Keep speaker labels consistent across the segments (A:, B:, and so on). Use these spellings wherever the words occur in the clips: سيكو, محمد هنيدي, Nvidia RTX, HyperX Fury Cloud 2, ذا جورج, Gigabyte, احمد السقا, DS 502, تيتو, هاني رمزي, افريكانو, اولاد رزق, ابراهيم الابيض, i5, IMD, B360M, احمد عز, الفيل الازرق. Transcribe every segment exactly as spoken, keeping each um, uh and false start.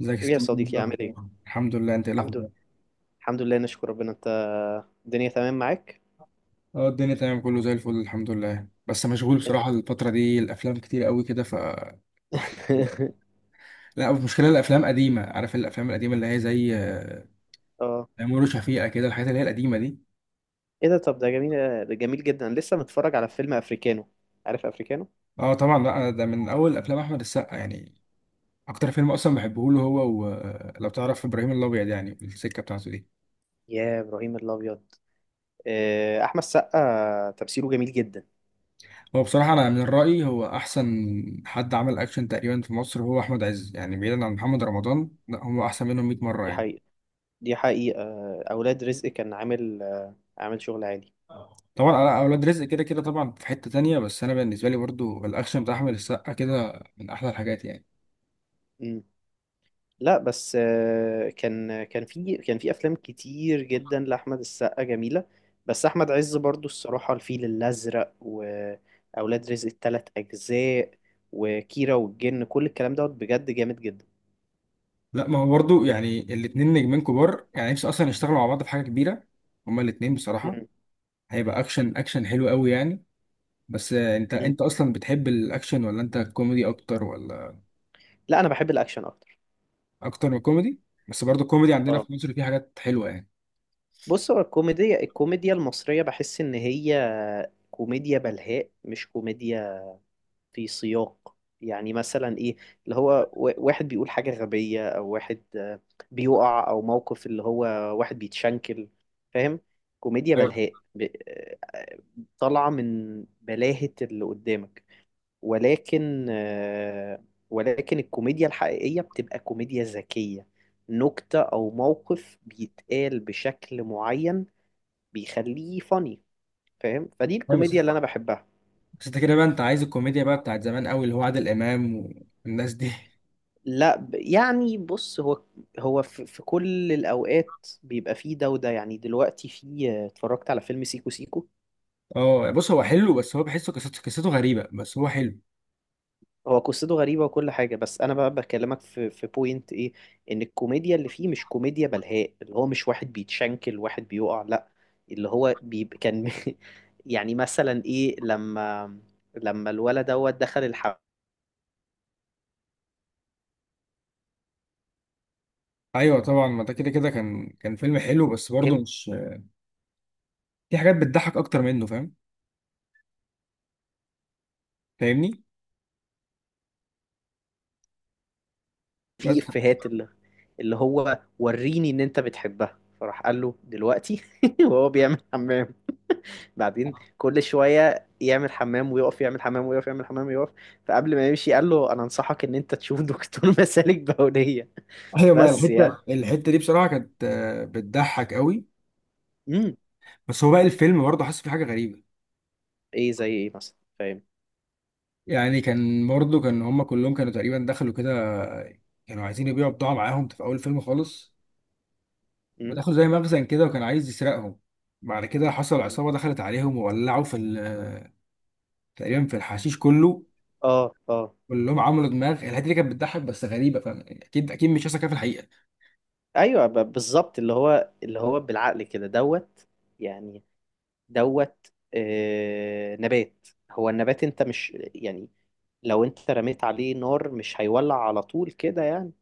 A: ازيك يا
B: ايه يا
A: ستيف، ايه
B: صديقي، عامل ايه؟
A: الاخبار؟ الحمد لله. انت ايه
B: الحمد لله.
A: الاخبار؟
B: الحمد لله، نشكر ربنا. انت الدنيا تمام معاك؟
A: اه، الدنيا تمام، كله زي الفل الحمد لله. بس مشغول بصراحه الفتره دي، الافلام كتير قوي كده، ف الواحد. لا المشكله الافلام قديمه، عارف، الافلام القديمه اللي هي زي آه،
B: اه.
A: تيمور وشفيقه كده، الحاجات اللي هي القديمه دي.
B: ايه ده، طب ده جميل. ده جميل جدا، لسه متفرج على فيلم افريكانو. عارف افريكانو؟
A: اه طبعا. لا أنا ده من اول افلام احمد السقا يعني. اكتر فيلم اصلا بحبه له هو، ولو تعرف ابراهيم الابيض، يعني السكه بتاعته دي.
B: يا ابراهيم الابيض. آه، احمد السقا تمثيله جميل جدا.
A: هو بصراحه، انا من رايي هو احسن حد عمل اكشن تقريبا في مصر هو احمد عز، يعني بعيدا عن محمد رمضان لا هو احسن منهم 100 مره
B: دي
A: يعني.
B: حقيقة. دي حقيقة. آه، اولاد رزق كان عامل آه، عامل شغل عالي.
A: طبعا انا اولاد رزق كده كده طبعا في حتة تانية، بس انا بالنسبة لي برضو الاكشن بتاع احمد السقا كده من احلى الحاجات يعني.
B: مم. لا بس آه، كان كان في كان في افلام كتير جدا لاحمد السقا جميله. بس احمد عز برضو الصراحه، الفيل الازرق واولاد رزق الثلاث اجزاء وكيرة والجن، كل الكلام دوت بجد جامد جدا.
A: لا ما هو برضو يعني الاتنين نجمين كبار يعني، نفسي اصلا يشتغلوا مع بعض في حاجة كبيرة هما الاتنين بصراحة.
B: مم.
A: هيبقى اكشن اكشن حلو قوي يعني. بس آه، انت
B: مم.
A: انت اصلا بتحب الاكشن ولا انت كوميدي اكتر ولا؟
B: لا انا بحب الاكشن اكتر.
A: اكتر من كوميدي. بس برضو الكوميدي عندنا
B: اه
A: في مصر فيه حاجات حلوة يعني.
B: بص، هو الكوميديا الكوميديا المصريه بحس ان هي كوميديا بلهاء، مش كوميديا في سياق. يعني مثلا ايه، اللي هو و- واحد بيقول حاجة غبية، او واحد آه، بيقع، او موقف اللي هو واحد بيتشنكل، فاهم؟ كوميديا
A: ايوه،
B: بلهاء، ب- آه، طالعة من بلاهة اللي قدامك. ولكن آه، ولكن الكوميديا الحقيقية بتبقى كوميديا ذكية، نكتة او موقف بيتقال بشكل معين بيخليه فاني، فاهم؟ فدي
A: ايوه. بس
B: الكوميديا
A: انت
B: اللي انا بحبها.
A: بس انت كده بقى، انت عايز الكوميديا بقى بتاعت زمان قوي اللي هو عادل امام والناس دي.
B: لا ب- يعني بص، هو هو في في كل الأوقات بيبقى فيه ده وده. يعني دلوقتي فيه، اتفرجت على فيلم سيكو سيكو،
A: اه بص، هو حلو بس هو بحسه قصته قصته غريبة، بس هو حلو.
B: هو قصته غريبة وكل حاجة، بس أنا بقى بكلمك في في بوينت إيه، إن الكوميديا اللي فيه مش كوميديا بلهاء اللي هو مش واحد بيتشنكل، واحد بيقع، لا. اللي هو بيبقى كان يعني مثلا إيه، لما لما الولد دوت دخل الحمام،
A: ايوه طبعا، ما ده كده كده كان كان فيلم حلو، بس برضه مش في حاجات بتضحك اكتر منه. فاهم؟ فاهمني.
B: في
A: بس.
B: إفيهات اللي اللي هو وريني إن أنت بتحبها، فراح قال له دلوقتي وهو بيعمل حمام، بعدين كل شوية يعمل حمام ويقف، يعمل حمام ويقف، يعمل حمام ويقف، فقبل ما يمشي قال له أنا أنصحك إن أنت تشوف دكتور مسالك بولية.
A: ايوه، ما
B: بس يعني.
A: الحتة الحتة دي بصراحة كانت آه، بتضحك قوي.
B: امم
A: بس هو بقى الفيلم برضه حاسس في حاجة غريبة.
B: إيه زي إيه مثلا، فاهم؟
A: يعني كان برضه كان هما كلهم كانوا تقريبا دخلوا كده، كانوا عايزين يبيعوا بضاعة معاهم في اول الفيلم خالص.
B: امم
A: ودخلوا زي مخزن كده وكان عايز يسرقهم. بعد كده حصل
B: أمم.
A: عصابة دخلت عليهم وولعوا في ال- تقريبا في الحشيش كله،
B: آه آه.
A: كلهم عملوا دماغ. الحته دي كانت بتضحك بس غريبه. فاهم؟ اكيد اكيد مش هيحصل كده في الحقيقه.
B: أيوه ب- بالظبط، اللي هو اللي هو بالعقل كده دوت يعني. دوت، آه نبات، هو النبات أنت مش يعني لو أنت رميت عليه نار مش هيولع على طول كده يعني.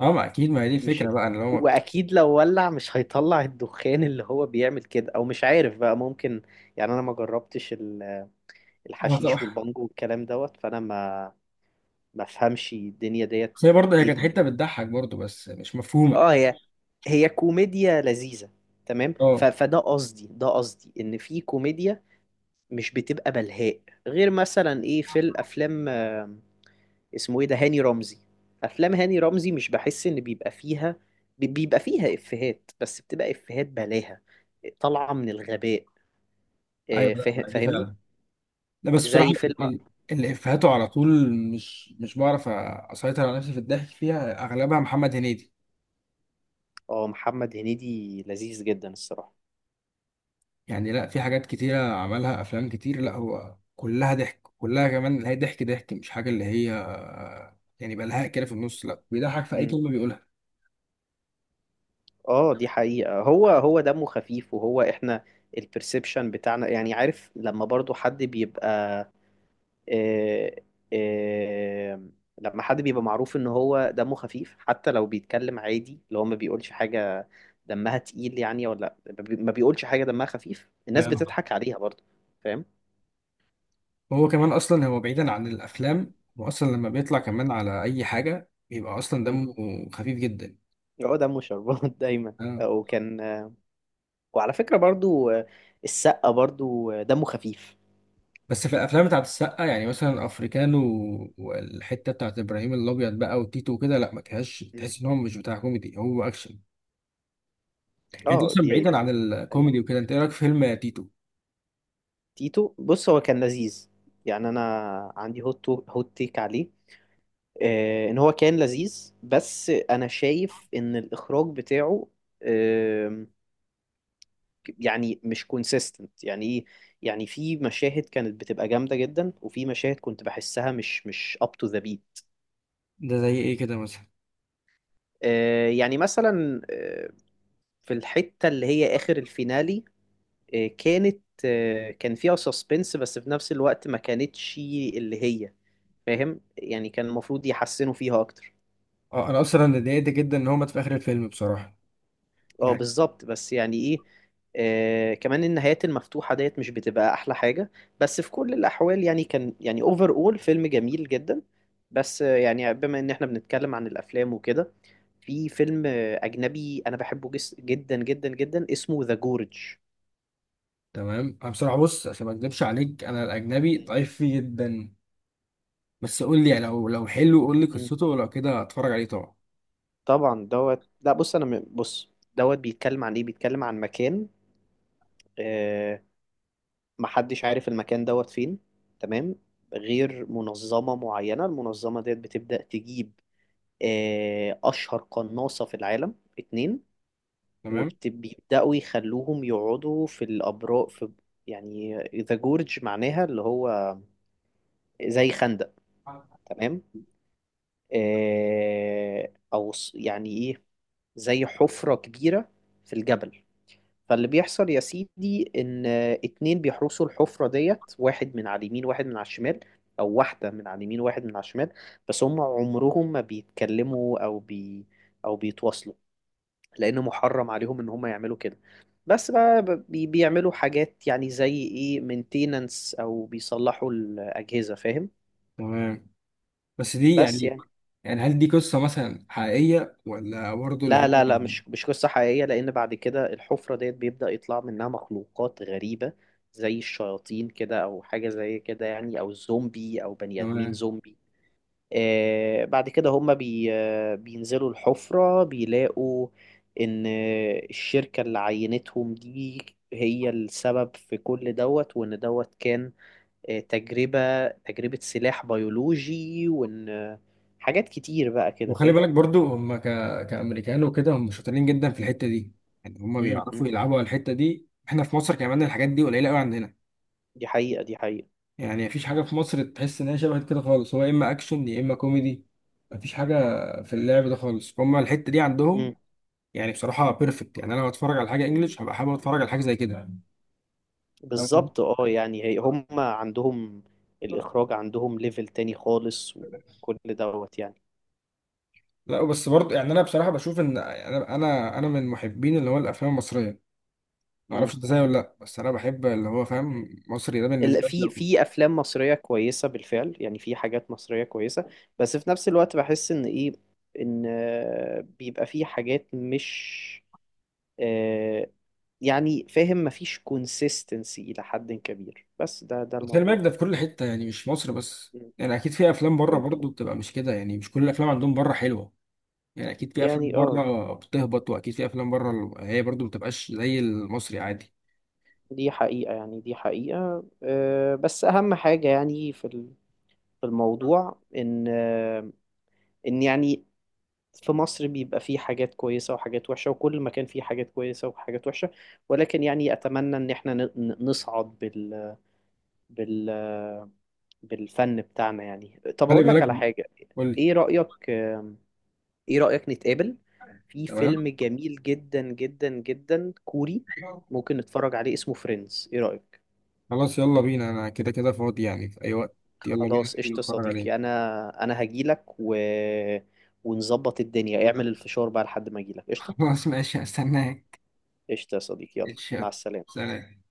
A: اه ما اكيد، ما هي دي
B: مش،
A: الفكره بقى، ان هو.
B: واكيد لو ولع مش هيطلع الدخان اللي هو بيعمل كده، او مش عارف بقى، ممكن يعني. انا ما جربتش ال-
A: اه طبعا.
B: الحشيش والبانجو والكلام دوت، فانا ما ما افهمش الدنيا ديت.
A: بس هي برضه هي
B: ايه
A: كانت
B: دنيا.
A: حته بتضحك برضه، بس مش مفهومه.
B: اه. هي هي كوميديا لذيذة، تمام. ف...
A: اه،
B: فده قصدي، ده قصدي ان في كوميديا مش بتبقى بلهاء. غير مثلا ايه، في الافلام، اسمه ايه ده، هاني رمزي. افلام هاني رمزي مش بحس ان بيبقى فيها بي- بيبقى فيها افيهات، بس بتبقى افيهات بلاهة طالعة من الغباء.
A: ايوه،
B: آه،
A: لا
B: فاه-
A: ما دي
B: فاهمني؟
A: فعلا. لا بس بصراحه
B: زي فيلم.
A: ال- ال- اللي افهاته على طول مش مش بعرف اسيطر على نفسي في الضحك فيها، اغلبها محمد هنيدي.
B: اه، محمد هنيدي لذيذ جدا الصراحة.
A: يعني لا، في حاجات كتيره عملها افلام كتير، لا هو كلها ضحك، كلها كمان اللي هي ضحك ضحك، مش حاجه اللي هي يعني بلهاء كده في النص، لا بيضحك في اي
B: مم.
A: كلمه بيقولها.
B: اه دي حقيقة. هو هو دمه خفيف، وهو احنا البرسبشن بتاعنا يعني. عارف لما برضو حد بيبقى، آه، آه، لما حد بيبقى معروف ان هو دمه خفيف، حتى لو بيتكلم عادي اللي هو ما بيقولش حاجة دمها تقيل يعني، ولا ما بيقولش حاجة دمها خفيف، الناس
A: آه.
B: بتضحك عليها برضه، فاهم؟
A: هو كمان اصلا، هو بعيدا عن الافلام، هو اصلا لما بيطلع كمان على اي حاجه بيبقى اصلا
B: مم.
A: دمه خفيف جدا.
B: هو دمه شربات دايما.
A: آه.
B: آه، وكان آه، وعلى فكرة برضه آه، السقا برضه آه، دمه خفيف.
A: بس في الافلام بتاعت السقا يعني مثلا افريكانو والحته بتاعت ابراهيم الابيض بقى وتيتو وكده، لا ما كانش
B: مم.
A: تحس ان هو مش بتاع كوميدي، هو اكشن. يعني انت
B: اه
A: اصلا
B: دي
A: بعيدا عن
B: دي حقيقة.
A: الكوميدي وكده، انت ايه رايك في فيلم تيتو؟
B: تيتو، بص هو كان لذيذ. يعني انا عندي هوت هوت تيك عليه. آه، ان هو كان لذيذ بس انا شايف ان الاخراج بتاعه آم، يعني مش كونسيستنت. يعني ايه، يعني في مشاهد كانت بتبقى جامده جدا، وفي مشاهد كنت بحسها مش مش اب تو ذا بيت.
A: ده زي ايه كده مثلا؟
B: يعني مثلا آه، في الحته اللي هي اخر الفينالي، آه، كانت آه، كان فيها سسبنس، بس في نفس الوقت ما كانتش اللي هي، فاهم يعني. كان المفروض يحسنوا فيها اكتر.
A: اه انا اصلا اتضايقت جدا ان هو مات في اخر الفيلم بصراحه،
B: اه
A: يعني.
B: بالظبط. بس يعني ايه، آه كمان النهايات المفتوحة ديت مش بتبقى احلى حاجة. بس في كل الاحوال يعني كان يعني اوفر اول، فيلم جميل جدا. بس آه، يعني بما ان احنا بنتكلم عن الافلام وكده، في فيلم آه، اجنبي انا بحبه جس جدا جدا جدا، اسمه ذا جورج.
A: تمام. انا بصراحه، بص، عشان ما اكذبش عليك انا الاجنبي ضعيف فيه جدا، بس قول لي يعني لو لو حلو، قول لي
B: مم.
A: قصته ولو كده اتفرج عليه طبعا.
B: طبعا دوت. لا بص انا م- بص، دوت بيتكلم عن ايه، بيتكلم عن مكان آه محدش عارف المكان دوت فين، تمام، غير منظمة معينة. المنظمة ديت بتبدأ تجيب آه، أشهر قناصة في العالم، اتنين.
A: تمام.
B: وبيبدأوا يخلوهم يقعدوا في الأبراج في، يعني ذا جورج معناها اللي هو زي خندق، تمام. آه، أو ص- يعني إيه، زي حفرة كبيرة في الجبل. فاللي بيحصل يا سيدي، إن آه، اتنين بيحرسوا الحفرة ديت، واحد من على اليمين واحد من على الشمال، أو واحدة من على اليمين واحد من على الشمال، بس هم عمرهم ما بيتكلموا أو بي أو بيتواصلوا، لان محرم عليهم ان هم يعملوا كده، بس بقى ب- بي- بيعملوا حاجات، يعني زي ايه، مينتيننس او بيصلحوا الاجهزه، فاهم؟
A: تمام. بس دي
B: بس
A: يعني
B: يعني.
A: يعني هل دي قصة مثلا حقيقية، ولا برضه اللي هي؟
B: لا لا لا مش مش قصه حقيقيه، لان بعد كده الحفره ديت بيبدا يطلع منها مخلوقات غريبه زي الشياطين كده، او حاجه زي كده يعني، او زومبي، او بني ادمين
A: تمام.
B: زومبي. آه، بعد كده هم بي آه، بينزلوا الحفرة بيلاقوا إن آه، الشركة اللي عينتهم دي هي السبب في كل دوت، وإن دوت كان آه، تجربة تجربة سلاح بيولوجي، وإن آه، حاجات كتير بقى كده،
A: وخلي بالك
B: فاهم؟
A: برضه هم ك... كأمريكان وكده، هم شاطرين جدا في الحتة دي. يعني هم
B: مم، مم.
A: بيعرفوا يلعبوا على الحتة دي، احنا في مصر كمان الحاجات دي قليلة قوي عندنا.
B: دي حقيقة. دي حقيقة.
A: يعني مفيش حاجة في مصر تحس ان هي شبه كده خالص، هو يا اما اكشن يا اما كوميدي، مفيش حاجة في اللعب ده خالص، هم الحتة دي
B: مم.
A: عندهم. يعني بصراحه بيرفكت، يعني انا لو اتفرج على حاجه انجليش هبقى حابب اتفرج على حاجه زي كده. فاهم قصدي؟
B: بالظبط، اه. يعني هي هم عندهم الإخراج عندهم ليفل تاني خالص وكل دوت.
A: لا بس برضه يعني، انا بصراحه بشوف ان انا انا انا من محبين اللي هو الافلام المصريه. ما اعرفش
B: يعني
A: انت زيي ولا لا، بس انا بحب اللي هو فاهم مصري ده
B: ال-
A: بالنسبه لي
B: في
A: لو.
B: في افلام مصريه كويسه بالفعل، يعني في حاجات مصريه كويسه. بس في نفس الوقت بحس ان ايه، ان آه، بيبقى في حاجات مش آه، يعني، فاهم، مفيش كونسيستنسي الى حد كبير، بس ده ده
A: خلي بالك
B: الموضوع
A: ده في
B: كله.
A: كل حته يعني مش مصر بس،
B: مم.
A: يعني اكيد في افلام بره
B: ممكن
A: برضه بتبقى مش كده، يعني مش كل الافلام عندهم بره حلوه. يعني اكيد في افلام
B: يعني. اه
A: بره بتهبط، واكيد في افلام بره هي برضه ما بتبقاش زي المصري عادي.
B: دي حقيقه. يعني دي حقيقه، آه، بس اهم حاجه يعني في ال- في الموضوع، ان آه، ان يعني، في مصر بيبقى فيه حاجات كويسة وحاجات وحشة، وكل مكان فيه حاجات كويسة وحاجات وحشة، ولكن يعني أتمنى إن إحنا ن- ن- نصعد بال... بال... بالفن بتاعنا. يعني طب
A: خلي
B: أقول لك على
A: بالك.
B: حاجة،
A: قول لي.
B: إيه رأيك، إيه رأيك نتقابل في
A: تمام
B: فيلم جميل جدا جدا جدا كوري، ممكن نتفرج عليه، اسمه فريندز، إيه رأيك؟
A: خلاص، يلا بينا، انا كده كده فاضي يعني في اي وقت. يلا بينا
B: خلاص قشطة
A: نتفرج عليه.
B: صديقي. أنا أنا هجيلك و... ونظبط الدنيا، اعمل الفشار بقى لحد ما أجيلك، قشطة.
A: خلاص ماشي، هستناك.
B: قشطة يا صديقي، يلا
A: اتشاف.
B: مع السلامة.
A: سلام.